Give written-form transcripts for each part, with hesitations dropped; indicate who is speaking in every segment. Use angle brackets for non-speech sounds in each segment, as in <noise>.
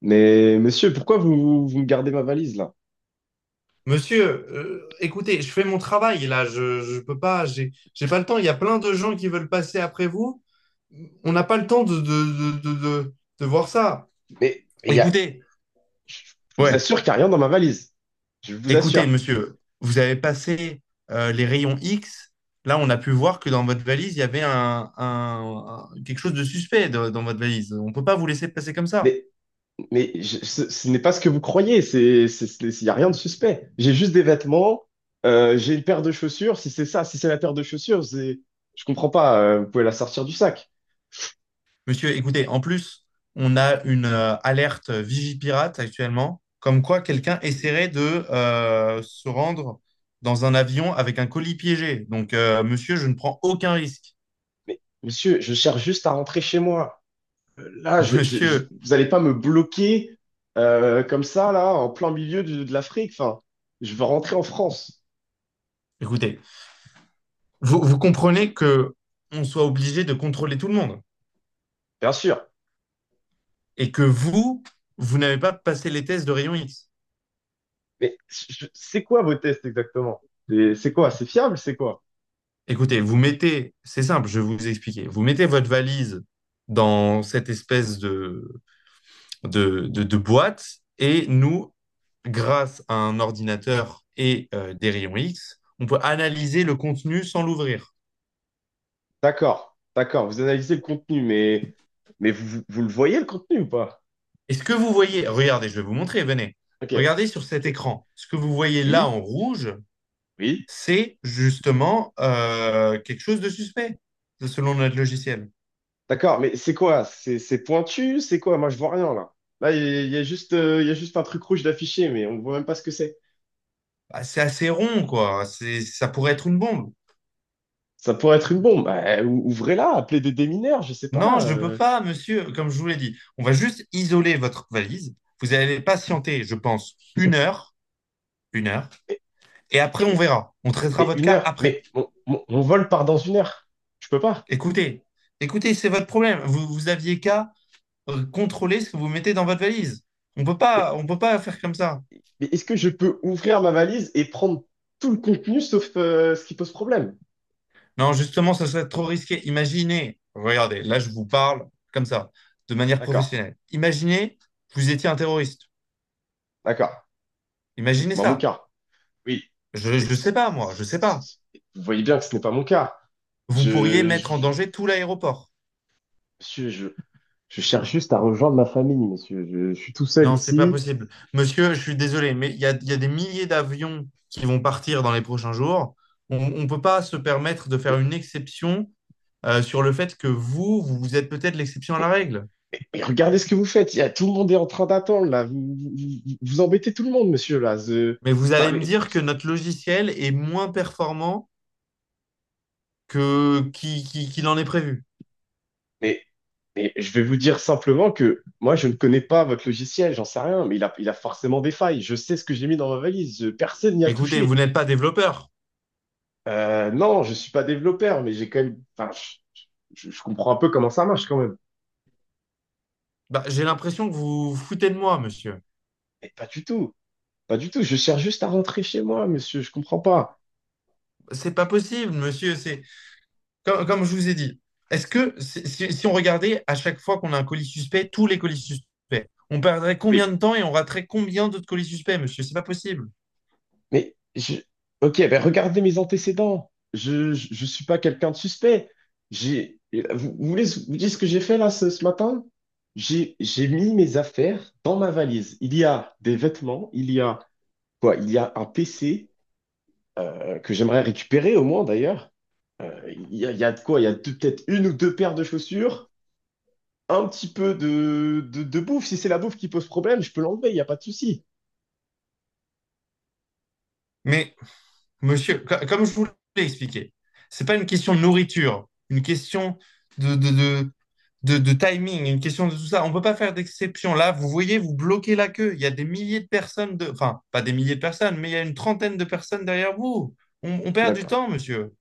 Speaker 1: Mais monsieur, pourquoi vous me gardez ma valise là?
Speaker 2: Monsieur, écoutez, je fais mon travail là, je peux pas, j'ai pas le temps. Il y a plein de gens qui veulent passer après vous. On n'a pas le temps de voir ça.
Speaker 1: Mais il y a,
Speaker 2: Écoutez,
Speaker 1: je vous
Speaker 2: ouais,
Speaker 1: assure qu'il n'y a rien dans ma valise. Je vous
Speaker 2: écoutez,
Speaker 1: assure.
Speaker 2: monsieur, vous avez passé les rayons X. Là, on a pu voir que dans votre valise, il y avait quelque chose de suspect dans votre valise. On peut pas vous laisser passer comme ça.
Speaker 1: Mais, Ce n'est pas ce que vous croyez. Il n'y a rien de suspect. J'ai juste des vêtements. J'ai une paire de chaussures. Si c'est ça, si c'est la paire de chaussures, je comprends pas. Vous pouvez la sortir du sac.
Speaker 2: Monsieur, écoutez, en plus, on a une alerte Vigipirate actuellement, comme quoi quelqu'un essaierait de se rendre dans un avion avec un colis piégé. Donc, monsieur, je ne prends aucun risque.
Speaker 1: Mais monsieur, je cherche juste à rentrer chez moi. Là,
Speaker 2: <laughs> Monsieur,
Speaker 1: vous n'allez pas me bloquer comme ça là, en plein milieu de l'Afrique. Enfin, je veux rentrer en France.
Speaker 2: écoutez, vous comprenez que on soit obligé de contrôler tout le monde
Speaker 1: Bien sûr.
Speaker 2: et que vous n'avez pas passé les tests de rayon X.
Speaker 1: C'est quoi vos tests exactement? Et c'est quoi? C'est fiable? C'est quoi?
Speaker 2: Écoutez, vous mettez, c'est simple, je vais vous expliquer. Vous mettez votre valise dans cette espèce de boîte. Et nous, grâce à un ordinateur et des rayons X, on peut analyser le contenu sans l'ouvrir.
Speaker 1: D'accord, d'accord. Vous analysez le contenu, mais vous le voyez le contenu ou pas?
Speaker 2: Et ce que vous voyez, regardez, je vais vous montrer, venez.
Speaker 1: Ok,
Speaker 2: Regardez sur cet
Speaker 1: ok.
Speaker 2: écran. Ce que vous voyez là
Speaker 1: Oui,
Speaker 2: en rouge,
Speaker 1: oui.
Speaker 2: c'est justement quelque chose de suspect, selon notre logiciel.
Speaker 1: D'accord, mais c'est quoi? C'est pointu? C'est quoi? Moi, je vois rien là. Là, il y a juste, Il y a juste un truc rouge d'affiché, mais on voit même pas ce que c'est.
Speaker 2: Bah, c'est assez rond, quoi. C'est, ça pourrait être une bombe.
Speaker 1: Ça pourrait être une bombe. Bah, ouvrez-la, appelez des démineurs, je sais
Speaker 2: Non,
Speaker 1: pas.
Speaker 2: je ne peux pas, monsieur, comme je vous l'ai dit. On va juste isoler votre valise. Vous allez patienter, je pense, une heure, une heure.
Speaker 1: Mais,
Speaker 2: Et après, on
Speaker 1: mais-
Speaker 2: verra. On traitera
Speaker 1: mais
Speaker 2: votre
Speaker 1: une
Speaker 2: cas
Speaker 1: heure.
Speaker 2: après.
Speaker 1: Mais mon vol part dans une heure. Je peux pas.
Speaker 2: Écoutez, écoutez, c'est votre problème. Vous aviez qu'à contrôler ce que vous mettez dans votre valise. On peut pas faire comme ça.
Speaker 1: Mais est-ce que je peux ouvrir ma valise et prendre tout le contenu sauf ce qui pose problème?
Speaker 2: Non, justement, ce serait trop risqué. Imaginez, regardez, là, je vous parle comme ça, de manière
Speaker 1: D'accord,
Speaker 2: professionnelle. Imaginez que vous étiez un terroriste.
Speaker 1: d'accord. Ce n'est
Speaker 2: Imaginez
Speaker 1: pas mon
Speaker 2: ça.
Speaker 1: cas. Oui. Mais
Speaker 2: Je
Speaker 1: ce-
Speaker 2: sais pas, moi,
Speaker 1: ce-
Speaker 2: je sais pas.
Speaker 1: ce- Vous voyez bien que ce n'est pas mon cas.
Speaker 2: Vous pourriez
Speaker 1: Je,
Speaker 2: mettre en
Speaker 1: je,
Speaker 2: danger tout l'aéroport.
Speaker 1: Monsieur, je cherche juste à rejoindre ma famille, monsieur. Je suis tout seul
Speaker 2: Non, c'est pas
Speaker 1: ici.
Speaker 2: possible. Monsieur, je suis désolé, mais il y a des milliers d'avions qui vont partir dans les prochains jours. On ne peut pas se permettre de faire
Speaker 1: Mais,
Speaker 2: une exception sur le fait que vous vous êtes peut-être l'exception à
Speaker 1: mais-
Speaker 2: la règle.
Speaker 1: mais regardez ce que vous faites. Tout le monde est en train d'attendre, là. Vous embêtez tout le monde, monsieur, là.
Speaker 2: Mais vous
Speaker 1: Enfin,
Speaker 2: allez me
Speaker 1: mais,
Speaker 2: dire que notre logiciel est moins performant que qu'il en est prévu.
Speaker 1: mais Mais je vais vous dire simplement que moi, je ne connais pas votre logiciel, j'en sais rien, mais il a forcément des failles. Je sais ce que j'ai mis dans ma valise, personne n'y a
Speaker 2: Écoutez, vous
Speaker 1: touché.
Speaker 2: n'êtes pas développeur.
Speaker 1: Non, je suis pas développeur, mais j'ai quand même, enfin, je comprends un peu comment ça marche quand même.
Speaker 2: Bah, j'ai l'impression que vous vous foutez de moi, monsieur.
Speaker 1: Mais pas du tout, pas du tout. Je cherche juste à rentrer chez moi, monsieur, je comprends pas.
Speaker 2: C'est pas possible, monsieur. C'est comme je vous ai dit, est-ce que si, si on regardait à chaque fois qu'on a un colis suspect, tous les colis suspects, on perdrait combien de
Speaker 1: Oui.
Speaker 2: temps et on raterait combien d'autres colis suspects, monsieur? C'est pas possible.
Speaker 1: Mais je... Ok, ben regardez mes antécédents. Je suis pas quelqu'un de suspect. J'ai vous voulez vous dire ce que j'ai fait là ce matin? J'ai mis mes affaires dans ma valise. Il y a des vêtements, il y a quoi? Il y a un PC que j'aimerais récupérer au moins d'ailleurs. Il y a de quoi? Il y a deux- Peut-être une ou deux paires de chaussures, un petit peu de bouffe. Si c'est la bouffe qui pose problème, je peux l'enlever, il y a pas de souci.
Speaker 2: Mais monsieur, comme je vous l'ai expliqué, c'est pas une question de nourriture, une question de, de, de, de timing, une question de tout ça. On ne peut pas faire d'exception. Là, vous voyez, vous bloquez la queue. Il y a des milliers de personnes, de… enfin, pas des milliers de personnes, mais il y a une trentaine de personnes derrière vous. On perd du
Speaker 1: D'accord.
Speaker 2: temps, monsieur.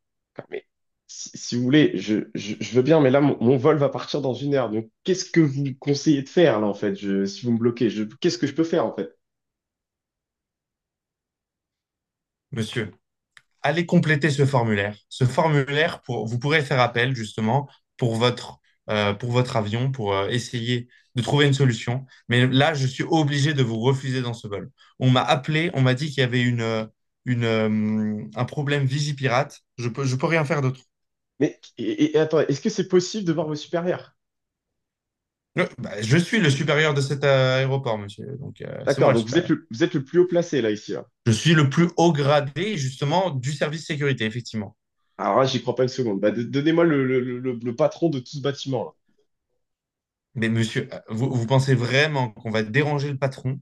Speaker 1: Mais si vous voulez, je veux bien, mais là, mon vol va partir dans une heure. Donc, qu'est-ce que vous me conseillez de faire, là, en fait, si vous me bloquez, qu'est-ce que je peux faire, en fait?
Speaker 2: Monsieur, allez compléter ce formulaire. Ce formulaire, pour, vous pourrez faire appel justement pour votre, pour votre avion, pour essayer de trouver une solution. Mais là, je suis obligé de vous refuser dans ce vol. On m'a appelé, on m'a dit qu'il y avait une, un problème Vigipirate. Je peux rien faire d'autre.
Speaker 1: Et attends, est-ce que c'est possible de voir vos supérieurs?
Speaker 2: Bah, je suis le supérieur de cet aéroport, monsieur. Donc, c'est moi
Speaker 1: D'accord,
Speaker 2: le
Speaker 1: donc
Speaker 2: supérieur.
Speaker 1: vous êtes le plus haut placé, là, ici, là.
Speaker 2: Je suis le plus haut gradé, justement, du service sécurité, effectivement.
Speaker 1: Alors là, j'y crois pas une seconde. Bah, donnez-moi le patron de tout ce bâtiment, là.
Speaker 2: Mais monsieur, vous pensez vraiment qu'on va déranger le patron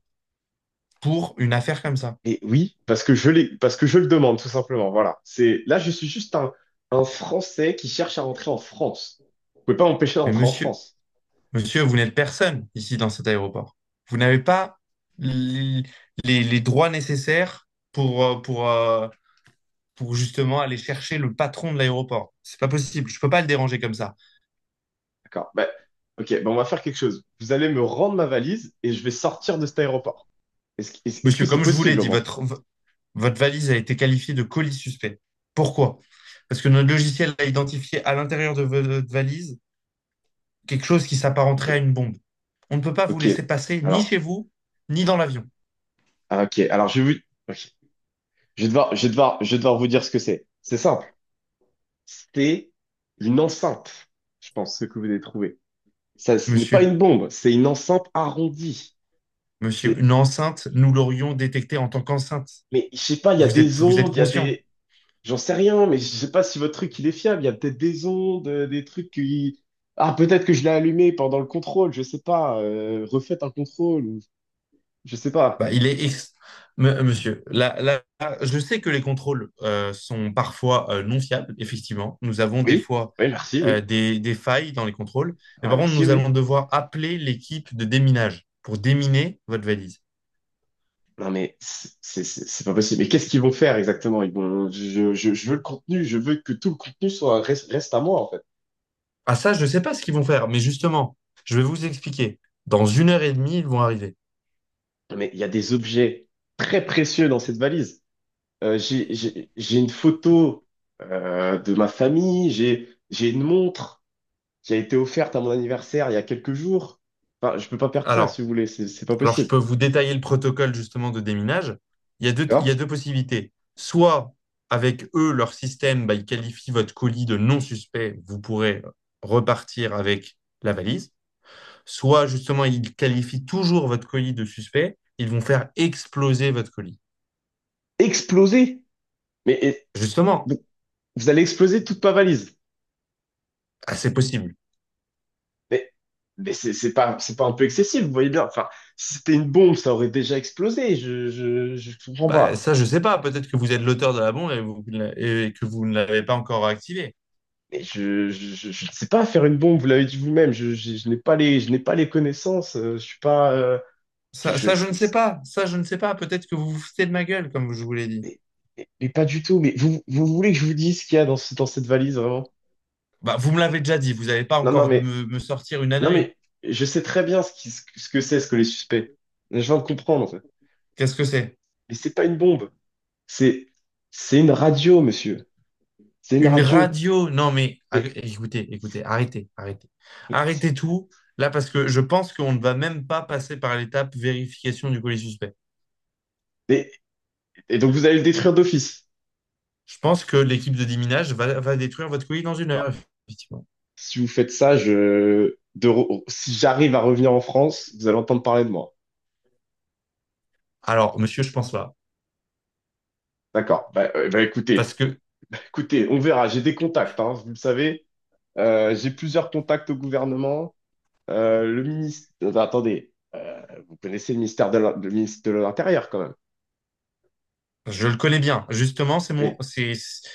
Speaker 2: pour une affaire comme ça.
Speaker 1: Et oui, parce que je le demande, tout simplement. Voilà. Je suis juste un Français qui cherche à rentrer en France. Vous pouvez pas m'empêcher
Speaker 2: Mais
Speaker 1: d'entrer en
Speaker 2: monsieur,
Speaker 1: France.
Speaker 2: monsieur, vous n'êtes personne ici dans cet aéroport. Vous n'avez pas les, les droits nécessaires pour justement aller chercher le patron de l'aéroport. C'est pas possible. Je peux pas le déranger comme ça.
Speaker 1: D'accord. Ben, ok, ben on va faire quelque chose. Vous allez me rendre ma valise et je vais sortir de cet aéroport. Est-ce que
Speaker 2: Monsieur,
Speaker 1: c'est
Speaker 2: comme je vous l'ai
Speaker 1: possible au
Speaker 2: dit,
Speaker 1: moins?
Speaker 2: votre valise a été qualifiée de colis suspect. Pourquoi? Parce que notre logiciel a identifié à l'intérieur de votre valise quelque chose qui
Speaker 1: Ok,
Speaker 2: s'apparenterait à une bombe. On ne peut pas vous
Speaker 1: ok.
Speaker 2: laisser passer ni
Speaker 1: Alors,
Speaker 2: chez vous, ni dans l'avion.
Speaker 1: ah, ok. Ok. Je vais devoir vous dire ce que c'est. C'est simple. C'est une enceinte, je pense, ce que vous avez trouvé. Ça, ce n'est pas
Speaker 2: Monsieur,
Speaker 1: une bombe, c'est une enceinte arrondie.
Speaker 2: monsieur,
Speaker 1: C'est,
Speaker 2: une enceinte, nous l'aurions détectée en tant qu'enceinte.
Speaker 1: mais je sais pas, il y a des
Speaker 2: Vous êtes
Speaker 1: ondes, il y a
Speaker 2: conscient.
Speaker 1: des, j'en sais rien, mais je sais pas si votre truc il est fiable. Il y a peut-être des ondes, des trucs qui. Ah, peut-être que je l'ai allumé pendant le contrôle, je sais pas. Refaites un contrôle, ou je sais pas.
Speaker 2: Bah, il est ex- M- Monsieur, là, là, là, je sais que les contrôles sont parfois non fiables, effectivement. Nous avons des
Speaker 1: Oui,
Speaker 2: fois
Speaker 1: oui, merci, oui.
Speaker 2: des failles dans les contrôles. Et
Speaker 1: Ah,
Speaker 2: par contre,
Speaker 1: merci,
Speaker 2: nous
Speaker 1: oui.
Speaker 2: allons devoir appeler l'équipe de déminage pour déminer votre valise.
Speaker 1: Non, mais c'est pas possible. Mais qu'est-ce qu'ils vont faire exactement? Ils vont... je veux le contenu, je veux que tout le contenu reste à moi, en fait.
Speaker 2: Ah ça, je ne sais pas ce qu'ils vont faire, mais justement, je vais vous expliquer. Dans une heure et demie, ils vont arriver.
Speaker 1: Mais il y a des objets très précieux dans cette valise. J'ai une photo de ma famille, j'ai une montre qui a été offerte à mon anniversaire il y a quelques jours. Enfin, je peux pas perdre ça, si
Speaker 2: Alors,
Speaker 1: vous voulez, c'est pas
Speaker 2: Alors, je
Speaker 1: possible.
Speaker 2: peux vous détailler le protocole justement de déminage. Il y
Speaker 1: D'accord?
Speaker 2: a deux possibilités. Soit avec eux, leur système, bah, ils qualifient votre colis de non suspect, vous pourrez repartir avec la valise. Soit justement, ils qualifient toujours votre colis de suspect, ils vont faire exploser votre colis.
Speaker 1: Exploser! Mais et-
Speaker 2: Justement,
Speaker 1: Vous, vous allez exploser toute ma valise.
Speaker 2: ah, c'est possible.
Speaker 1: Mais, c'est c'est pas un peu excessif, vous voyez bien. Enfin, si c'était une bombe, ça aurait déjà explosé. Je comprends
Speaker 2: Bah,
Speaker 1: pas.
Speaker 2: ça, je ne sais pas. Peut-être que vous êtes l'auteur de la bombe et, et que vous ne l'avez pas encore activé.
Speaker 1: Mais je ne sais pas faire une bombe, vous l'avez dit vous-même. Je n'ai pas les, je n'ai pas les connaissances. Je suis pas. Je, je-
Speaker 2: Ça, je ne
Speaker 1: je-
Speaker 2: sais pas. Ça, je ne sais pas. Peut-être que vous vous foutez de ma gueule, comme je vous l'ai dit.
Speaker 1: mais, mais pas du tout. Mais vous voulez que je vous dise ce qu'il y a dans cette valise, vraiment?
Speaker 2: Bah, vous me l'avez déjà dit, vous n'allez pas
Speaker 1: Non, non,
Speaker 2: encore
Speaker 1: mais.
Speaker 2: me sortir une
Speaker 1: Non,
Speaker 2: ânerie.
Speaker 1: mais je sais très bien ce que c'est, ce que les suspects. Je viens de comprendre, en fait.
Speaker 2: Qu'est-ce que c'est?
Speaker 1: Mais c'est pas une bombe. C'est, c'est une radio, monsieur. C'est une
Speaker 2: Une
Speaker 1: radio.
Speaker 2: radio? Non, mais
Speaker 1: Mais,
Speaker 2: écoutez, écoutez, arrêtez, arrêtez.
Speaker 1: mais-
Speaker 2: Arrêtez tout, là, parce que je pense qu'on ne va même pas passer par l'étape vérification du colis suspect.
Speaker 1: mais- et donc vous allez le détruire d'office.
Speaker 2: Je pense que l'équipe de déminage va détruire votre colis dans une
Speaker 1: Alors,
Speaker 2: heure, effectivement.
Speaker 1: si vous faites ça, si j'arrive à revenir en France, vous allez entendre parler de moi.
Speaker 2: Alors, monsieur, je pense pas.
Speaker 1: D'accord. Bah, bah,
Speaker 2: Parce
Speaker 1: écoutez,
Speaker 2: que
Speaker 1: écoutez, on verra. J'ai des contacts, hein, vous le savez. J'ai plusieurs contacts au gouvernement. Le ministre, attendez, vous connaissez le ministre de l'Intérieur quand même.
Speaker 2: je le connais bien. Justement, c'est mon,
Speaker 1: Oui.
Speaker 2: c'est-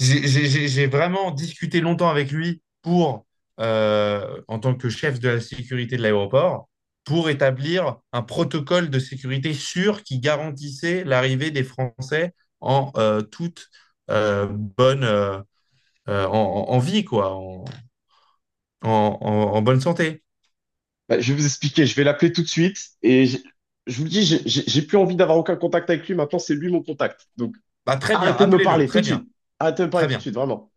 Speaker 2: j'ai vraiment discuté longtemps avec lui pour, en tant que chef de la sécurité de l'aéroport, pour établir un protocole de sécurité sûr qui garantissait l'arrivée des Français en toute euh, bonne, euh, en vie, quoi, en- en- en bonne santé.
Speaker 1: Bah, je vais vous expliquer, je vais l'appeler tout de suite et je vous le dis, j'ai plus envie d'avoir aucun contact avec lui, maintenant c'est lui mon contact. Donc
Speaker 2: Bah, très bien,
Speaker 1: arrêtez de me
Speaker 2: appelez-le,
Speaker 1: parler tout
Speaker 2: très
Speaker 1: de
Speaker 2: bien,
Speaker 1: suite. Arrêtez de me parler
Speaker 2: très
Speaker 1: tout de
Speaker 2: bien.
Speaker 1: suite, vraiment.